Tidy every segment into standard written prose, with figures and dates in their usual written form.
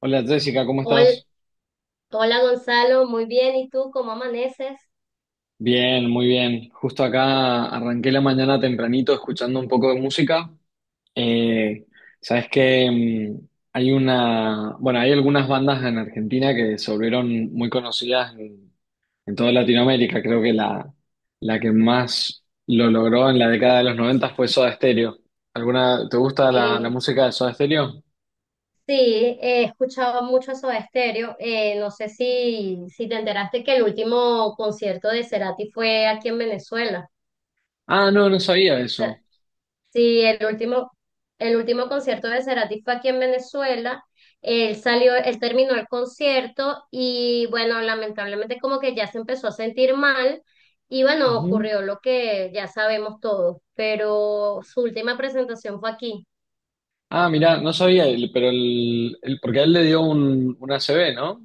Hola Jessica, ¿cómo Hol- estás? Hola Gonzalo, muy bien. ¿Y tú cómo amaneces? Bien, muy bien. Justo acá arranqué la mañana tempranito escuchando un poco de música. Eh, sabes que hay una, bueno, hay algunas bandas en Argentina que se volvieron muy conocidas en toda Latinoamérica. Creo que la que más lo logró en la década de los 90 fue Soda Stereo. ¿Alguna, te gusta la, la Sí, música de Soda Stereo? sí, he escuchado mucho Soda Stereo. No sé si te enteraste que el último concierto de Cerati fue aquí en Venezuela. Ah, no, no sabía O sea, eso. sí, el último concierto de Cerati fue aquí en Venezuela. Él salió, él terminó el concierto y bueno, lamentablemente como que ya se empezó a sentir mal. Y bueno, Ujú. ocurrió lo que ya sabemos todos, pero su última presentación fue aquí. Ah, mirá, no sabía, pero porque a él le dio un ACV, ¿no?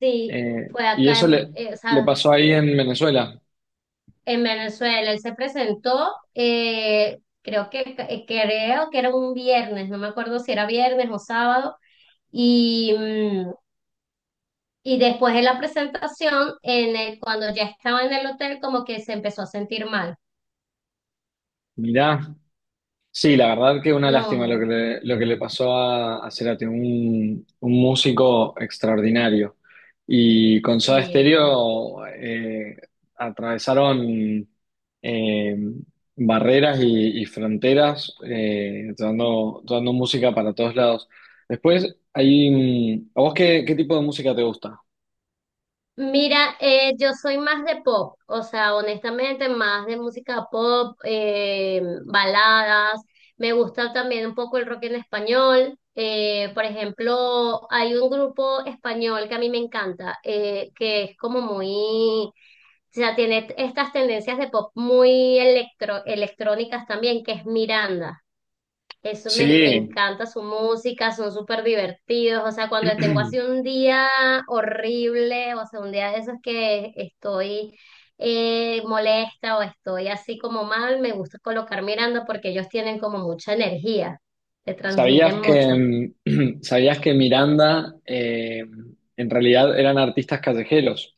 Sí, fue Y acá eso le, en, o le sea, pasó ahí en Venezuela. en Venezuela. Él se presentó, creo que era un viernes, no me acuerdo si era viernes o sábado. Y, mm, y después de la presentación, cuando ya estaba en el hotel, como que se empezó a sentir mal. Mirá, sí, la verdad que una lástima No, lo que le pasó a Cerati, un músico extraordinario. Y con Soda sí. Stereo atravesaron eh, barreras y fronteras, dando, dando música para todos lados. Después, hay, ¿a vos qué, qué tipo de música te gusta? Mira, yo soy más de pop, o sea, honestamente, más de música pop, baladas. Me gusta también un poco el rock en español. Por ejemplo, hay un grupo español que a mí me encanta, que es como muy, o sea, tiene estas tendencias de pop muy electro, electrónicas también, que es Miranda. Eso me Sí. encanta su música, son súper divertidos. O sea, cuando tengo así un día horrible, o sea, un día de esos que estoy molesta o estoy así como mal, me gusta colocar mirando porque ellos tienen como mucha energía, te ¿Sabías transmiten mucho. que, sabías que Miranda en realidad eran artistas callejeros?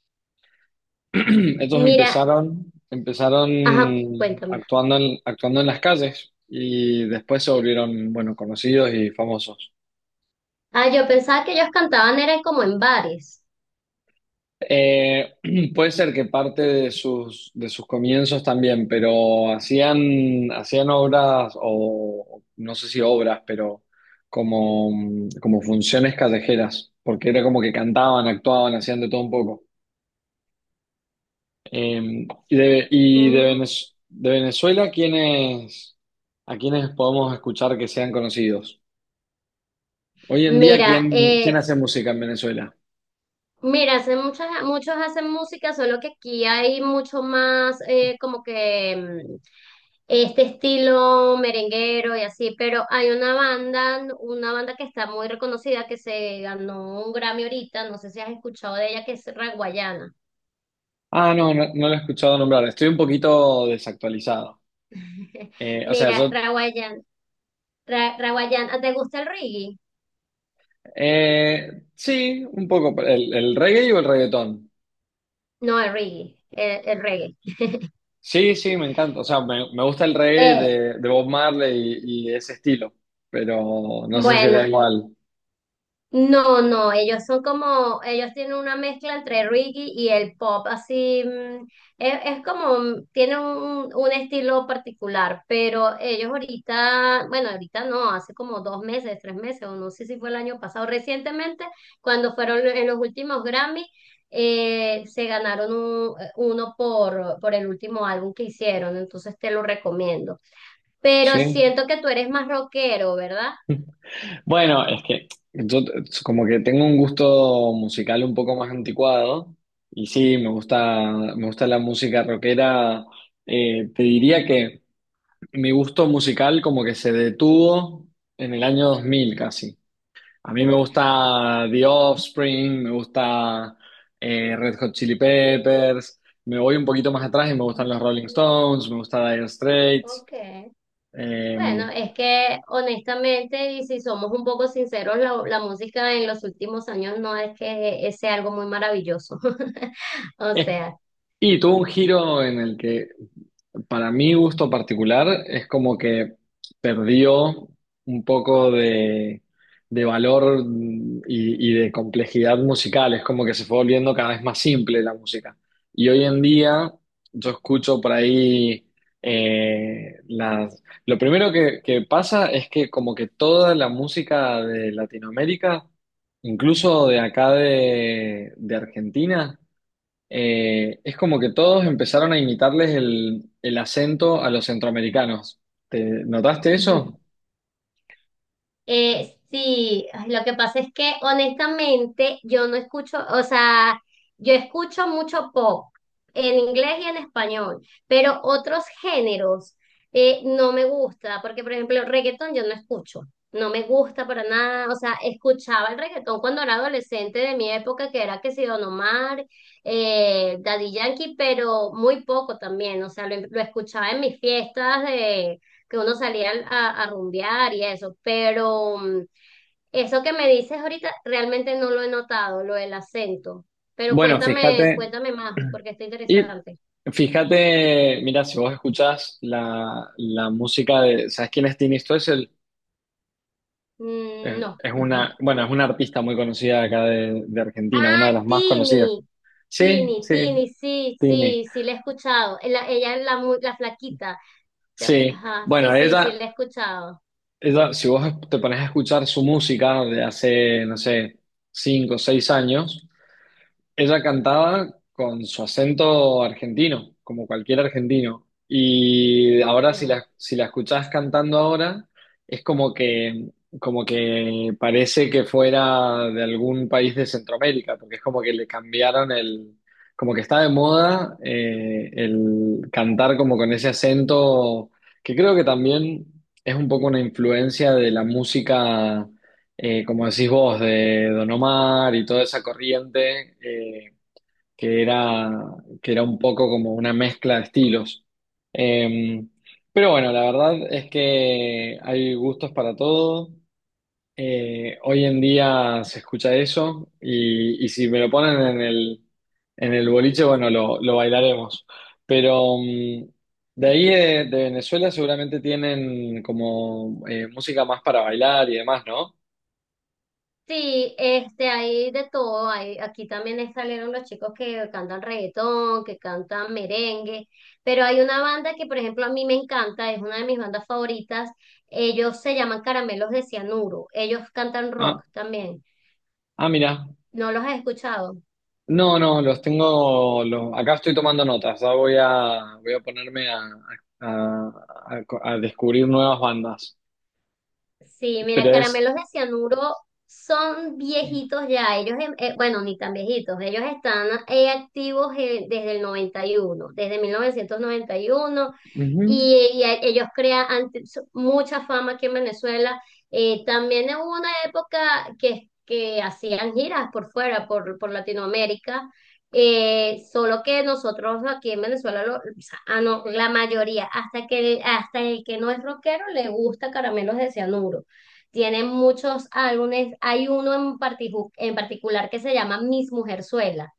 Estos Mira, empezaron, empezaron ajá, cuéntame. actuando en, actuando en las calles y después se volvieron, bueno, conocidos y famosos. Ah, yo pensaba que ellos cantaban, eran como en bares. Eh, puede ser que parte de sus comienzos también, pero hacían, hacían obras o no sé si obras, pero como, como funciones callejeras, porque era como que cantaban, actuaban, hacían de todo un poco. Y de, Mm. De Venezuela, ¿quiénes, a quiénes podemos escuchar que sean conocidos? Hoy en día, Mira, ¿quién, eh, quién hace música en Venezuela? mira, muchos hacen música, solo que aquí hay mucho más como que este estilo merenguero y así, pero hay una banda que está muy reconocida que se ganó un Grammy ahorita, no sé si has escuchado de ella, que es Raguayana. Ah, no, no, no lo he escuchado nombrar. Estoy un poquito desactualizado. O sea, Mira, yo... Raguayana, Raguayana, ¿te gusta el reggae? Sí, un poco. El reggae o el reggaetón? No, el reggae, el reggae. Sí, sí, me encanta. O sea, me gusta el reggae Eh, de Bob Marley y ese estilo, pero no sé si era bueno, igual. no, no, ellos son como, ellos tienen una mezcla entre reggae y el pop, así, es como, tienen un estilo particular, pero ellos ahorita, bueno, ahorita no, hace como dos meses, tres meses, o no sé si fue el año pasado, recientemente, cuando fueron en los últimos Grammy, se ganaron uno por el último álbum que hicieron, entonces te lo recomiendo. Pero Sí. siento que tú eres más rockero, ¿verdad? Bueno, es que yo t- como que tengo un gusto musical un poco más anticuado y sí, me gusta la música rockera. Te diría que mi gusto musical como que se detuvo en el año 2000 casi. A mí me gusta The Offspring, me gusta Red Hot Chili Peppers, me voy un poquito más atrás y me gustan los Rolling Mm. Stones, me gusta Dire Straits. Ok. em, Bueno, es que honestamente, y si somos un poco sinceros, la música en los últimos años no es que sea algo muy maravilloso. O eh, sea. y tuvo un giro en el que, para mi gusto particular, es como que perdió un poco de valor, y de complejidad musical. Es como que se fue volviendo cada vez más simple la música. Y hoy en día, yo escucho por ahí las. Lo primero que pasa es que, como que toda la música de Latinoamérica, incluso de acá de Argentina, es como que todos empezaron a imitarles el acento a los centroamericanos. ¿Te notaste eso? Sí, ay, lo que pasa es que honestamente yo no escucho, o sea, yo escucho mucho pop en inglés y en español, pero otros géneros no me gusta, porque por ejemplo reggaetón yo no escucho, no me gusta para nada. O sea, escuchaba el reggaetón cuando era adolescente de mi época, que era que si Don Omar, Daddy Yankee, pero muy poco también. O sea, lo escuchaba en mis fiestas de que uno salía a rumbear y eso, pero eso que me dices ahorita realmente no lo he notado, lo del acento, pero Bueno, cuéntame, fíjate, cuéntame más, porque está y interesante. fíjate, mira, si vos escuchás la, la música de, ¿sabes quién es Tini Stoessel? Mm, no. Es una, bueno, es una artista muy conocida de acá de Argentina, una de Ah, las más conocidas. Tini, Sí, sí, sí, Tini. sí, sí, la he escuchado. Ella es la flaquita. Sí, Ajá, sí, bueno, sí, sí, ella, la he escuchado. ella, si vos te pones a escuchar su música de hace, no sé, cinco o seis años, ella cantaba con su acento argentino, como cualquier argentino. Y Ok. ahora si la, si la escuchás cantando ahora, es como que parece que fuera de algún país de Centroamérica, porque es como que le cambiaron el, como que está de moda, el cantar como con ese acento, que creo que también es un poco una influencia de la música, como decís vos, de Don Omar y toda esa corriente, que era, que era un poco como una mezcla de estilos. Eh, pero bueno, la verdad es que hay gustos para todo. Hoy en día se escucha eso y si me lo ponen en el boliche, bueno, lo bailaremos. Pero de ahí de Venezuela seguramente tienen como música más para bailar y demás, ¿no? Sí, este, hay de todo. Hay, aquí también salieron los chicos que cantan reggaetón, que cantan merengue, pero hay una banda que, por ejemplo, a mí me encanta, es una de mis bandas favoritas. Ellos se llaman Caramelos de Cianuro. Ellos cantan rock Ah. también. Ah, mira. ¿No los has escuchado? No, no, los tengo. Acá estoy tomando notas. Ahora voy a, voy a ponerme a, a- a- a descubrir nuevas bandas. Sí, mira, Pero es. Caramelos de Cianuro son viejitos ya. Ellos, bueno, ni tan viejitos. Ellos están activos desde el 91, desde 1991 Ujú. y ellos crean mucha fama aquí en Venezuela. También hubo una época que hacían giras por fuera, por Latinoamérica. Solo que nosotros aquí en Venezuela, ah, no, la mayoría, hasta el que no es rockero le gusta Caramelos de Cianuro. Tiene muchos álbumes, hay uno en particular que se llama Mis Mujerzuela.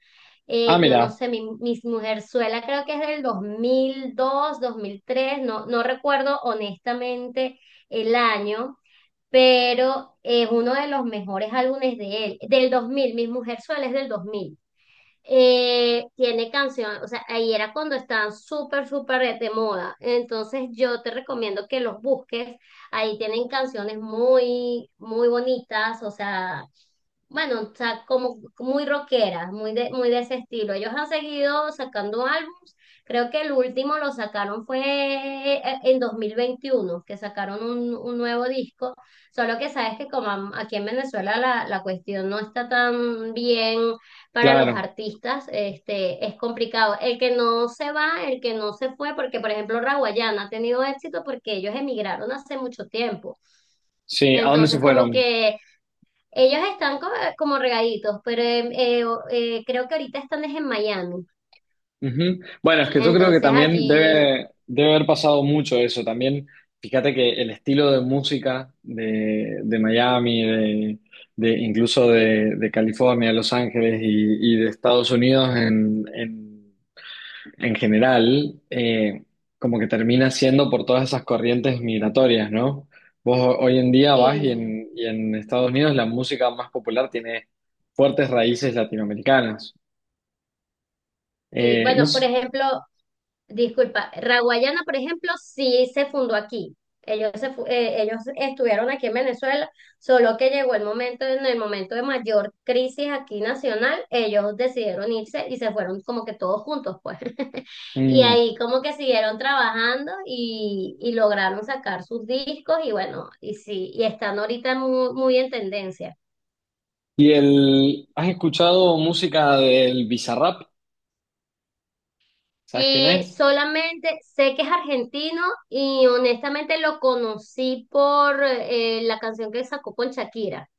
Ah, Yo no mira, sé, Mis Mujerzuela creo que es del dos mil tres. No, no recuerdo honestamente el año, pero es uno de los mejores álbumes de él, del 2000. Mis Mujerzuela es del 2000, tiene canción, o sea, ahí era cuando estaban súper, súper de moda. Entonces yo te recomiendo que los busques. Ahí tienen canciones muy, muy bonitas, o sea, bueno, o sea, como muy rockera, muy de ese estilo. Ellos han seguido sacando álbums. Creo que el último lo sacaron fue en 2021, que sacaron un nuevo disco. Solo que sabes que como aquí en Venezuela la cuestión no está tan bien para los claro. artistas, este, es complicado. El que no se va, el que no se fue, porque por ejemplo Raguayana ha tenido éxito porque ellos emigraron hace mucho tiempo. Sí, ¿a dónde se Entonces, como fueron? que ellos están como, como regaditos, pero creo que ahorita están es en Miami. Ujú. Bueno, es que yo creo que Entonces también allí, debe, debe haber pasado mucho eso. También, fíjate que el estilo de música de Miami, de, incluso de California, Los Ángeles y de Estados Unidos en general, como que termina siendo por todas esas corrientes migratorias, ¿no? Vos hoy en día vas sí, y en Estados Unidos la música más popular tiene fuertes raíces latinoamericanas. sí. No Bueno, por sé, ejemplo, disculpa, Raguayana, por ejemplo, sí se fundó aquí. Ellos, ellos estuvieron aquí en Venezuela, solo que llegó el momento, en el momento de mayor crisis aquí nacional, ellos decidieron irse y se fueron como que todos juntos, pues. Y mm. ahí como que siguieron trabajando y lograron sacar sus discos y bueno, y sí, y están ahorita muy, muy en tendencia. ¿Y el, has escuchado música del Bizarrap? ¿Sabes quién es? Solamente sé que es argentino y honestamente lo conocí por la canción que sacó con Shakira.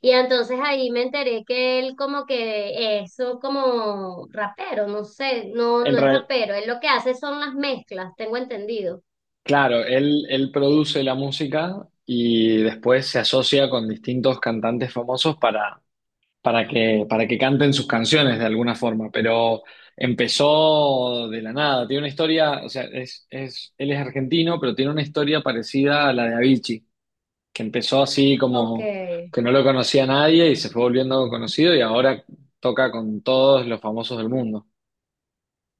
Y entonces ahí me enteré que él como que es un como rapero. No sé, no, En no es re- rapero, él lo que hace son las mezclas, tengo entendido. claro, él, él produce la música y después se asocia con distintos cantantes famosos para que canten sus canciones de alguna forma, pero empezó de la nada. Tiene una historia, o sea, es, él es argentino, pero tiene una historia parecida a la de Avicii, que empezó así Ok. como que no lo conocía nadie y se fue volviendo conocido y ahora toca con todos los famosos del mundo.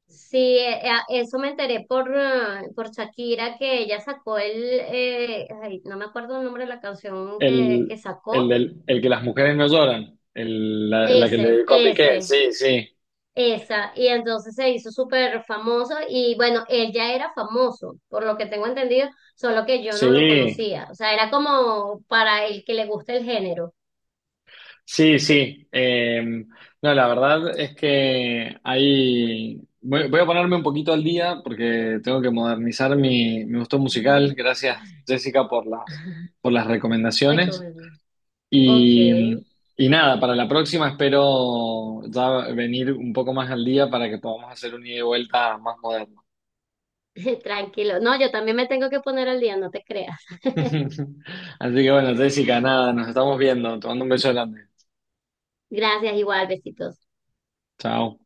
Sí, eso me enteré por Shakira, que ella sacó el, ay, no me acuerdo el nombre de la canción El, que el, sacó. El que las mujeres no lloran, la, la que le Ese, dedicó a Piqué, ese. sí, sí, Esa. Y entonces se hizo súper famoso y bueno, él ya era famoso, por lo que tengo entendido, solo que yo no lo sí. conocía, o sea, era como para el que le gusta el género. Sí, sí. No, la verdad es que ahí voy, voy a ponerme un poquito al día porque tengo que modernizar mi, mi gusto musical. Gracias, Jessica, por las recomendaciones. Recomiendo. Ok, Y, y nada, para la próxima espero ya venir un poco más al día para que podamos hacer un ida y vuelta más moderno. tranquilo. No, yo también me tengo que poner al día, no te creas. Así que bueno, Jessica, nada, nos estamos viendo. Te mando un beso grande. Gracias, igual, besitos. Chao.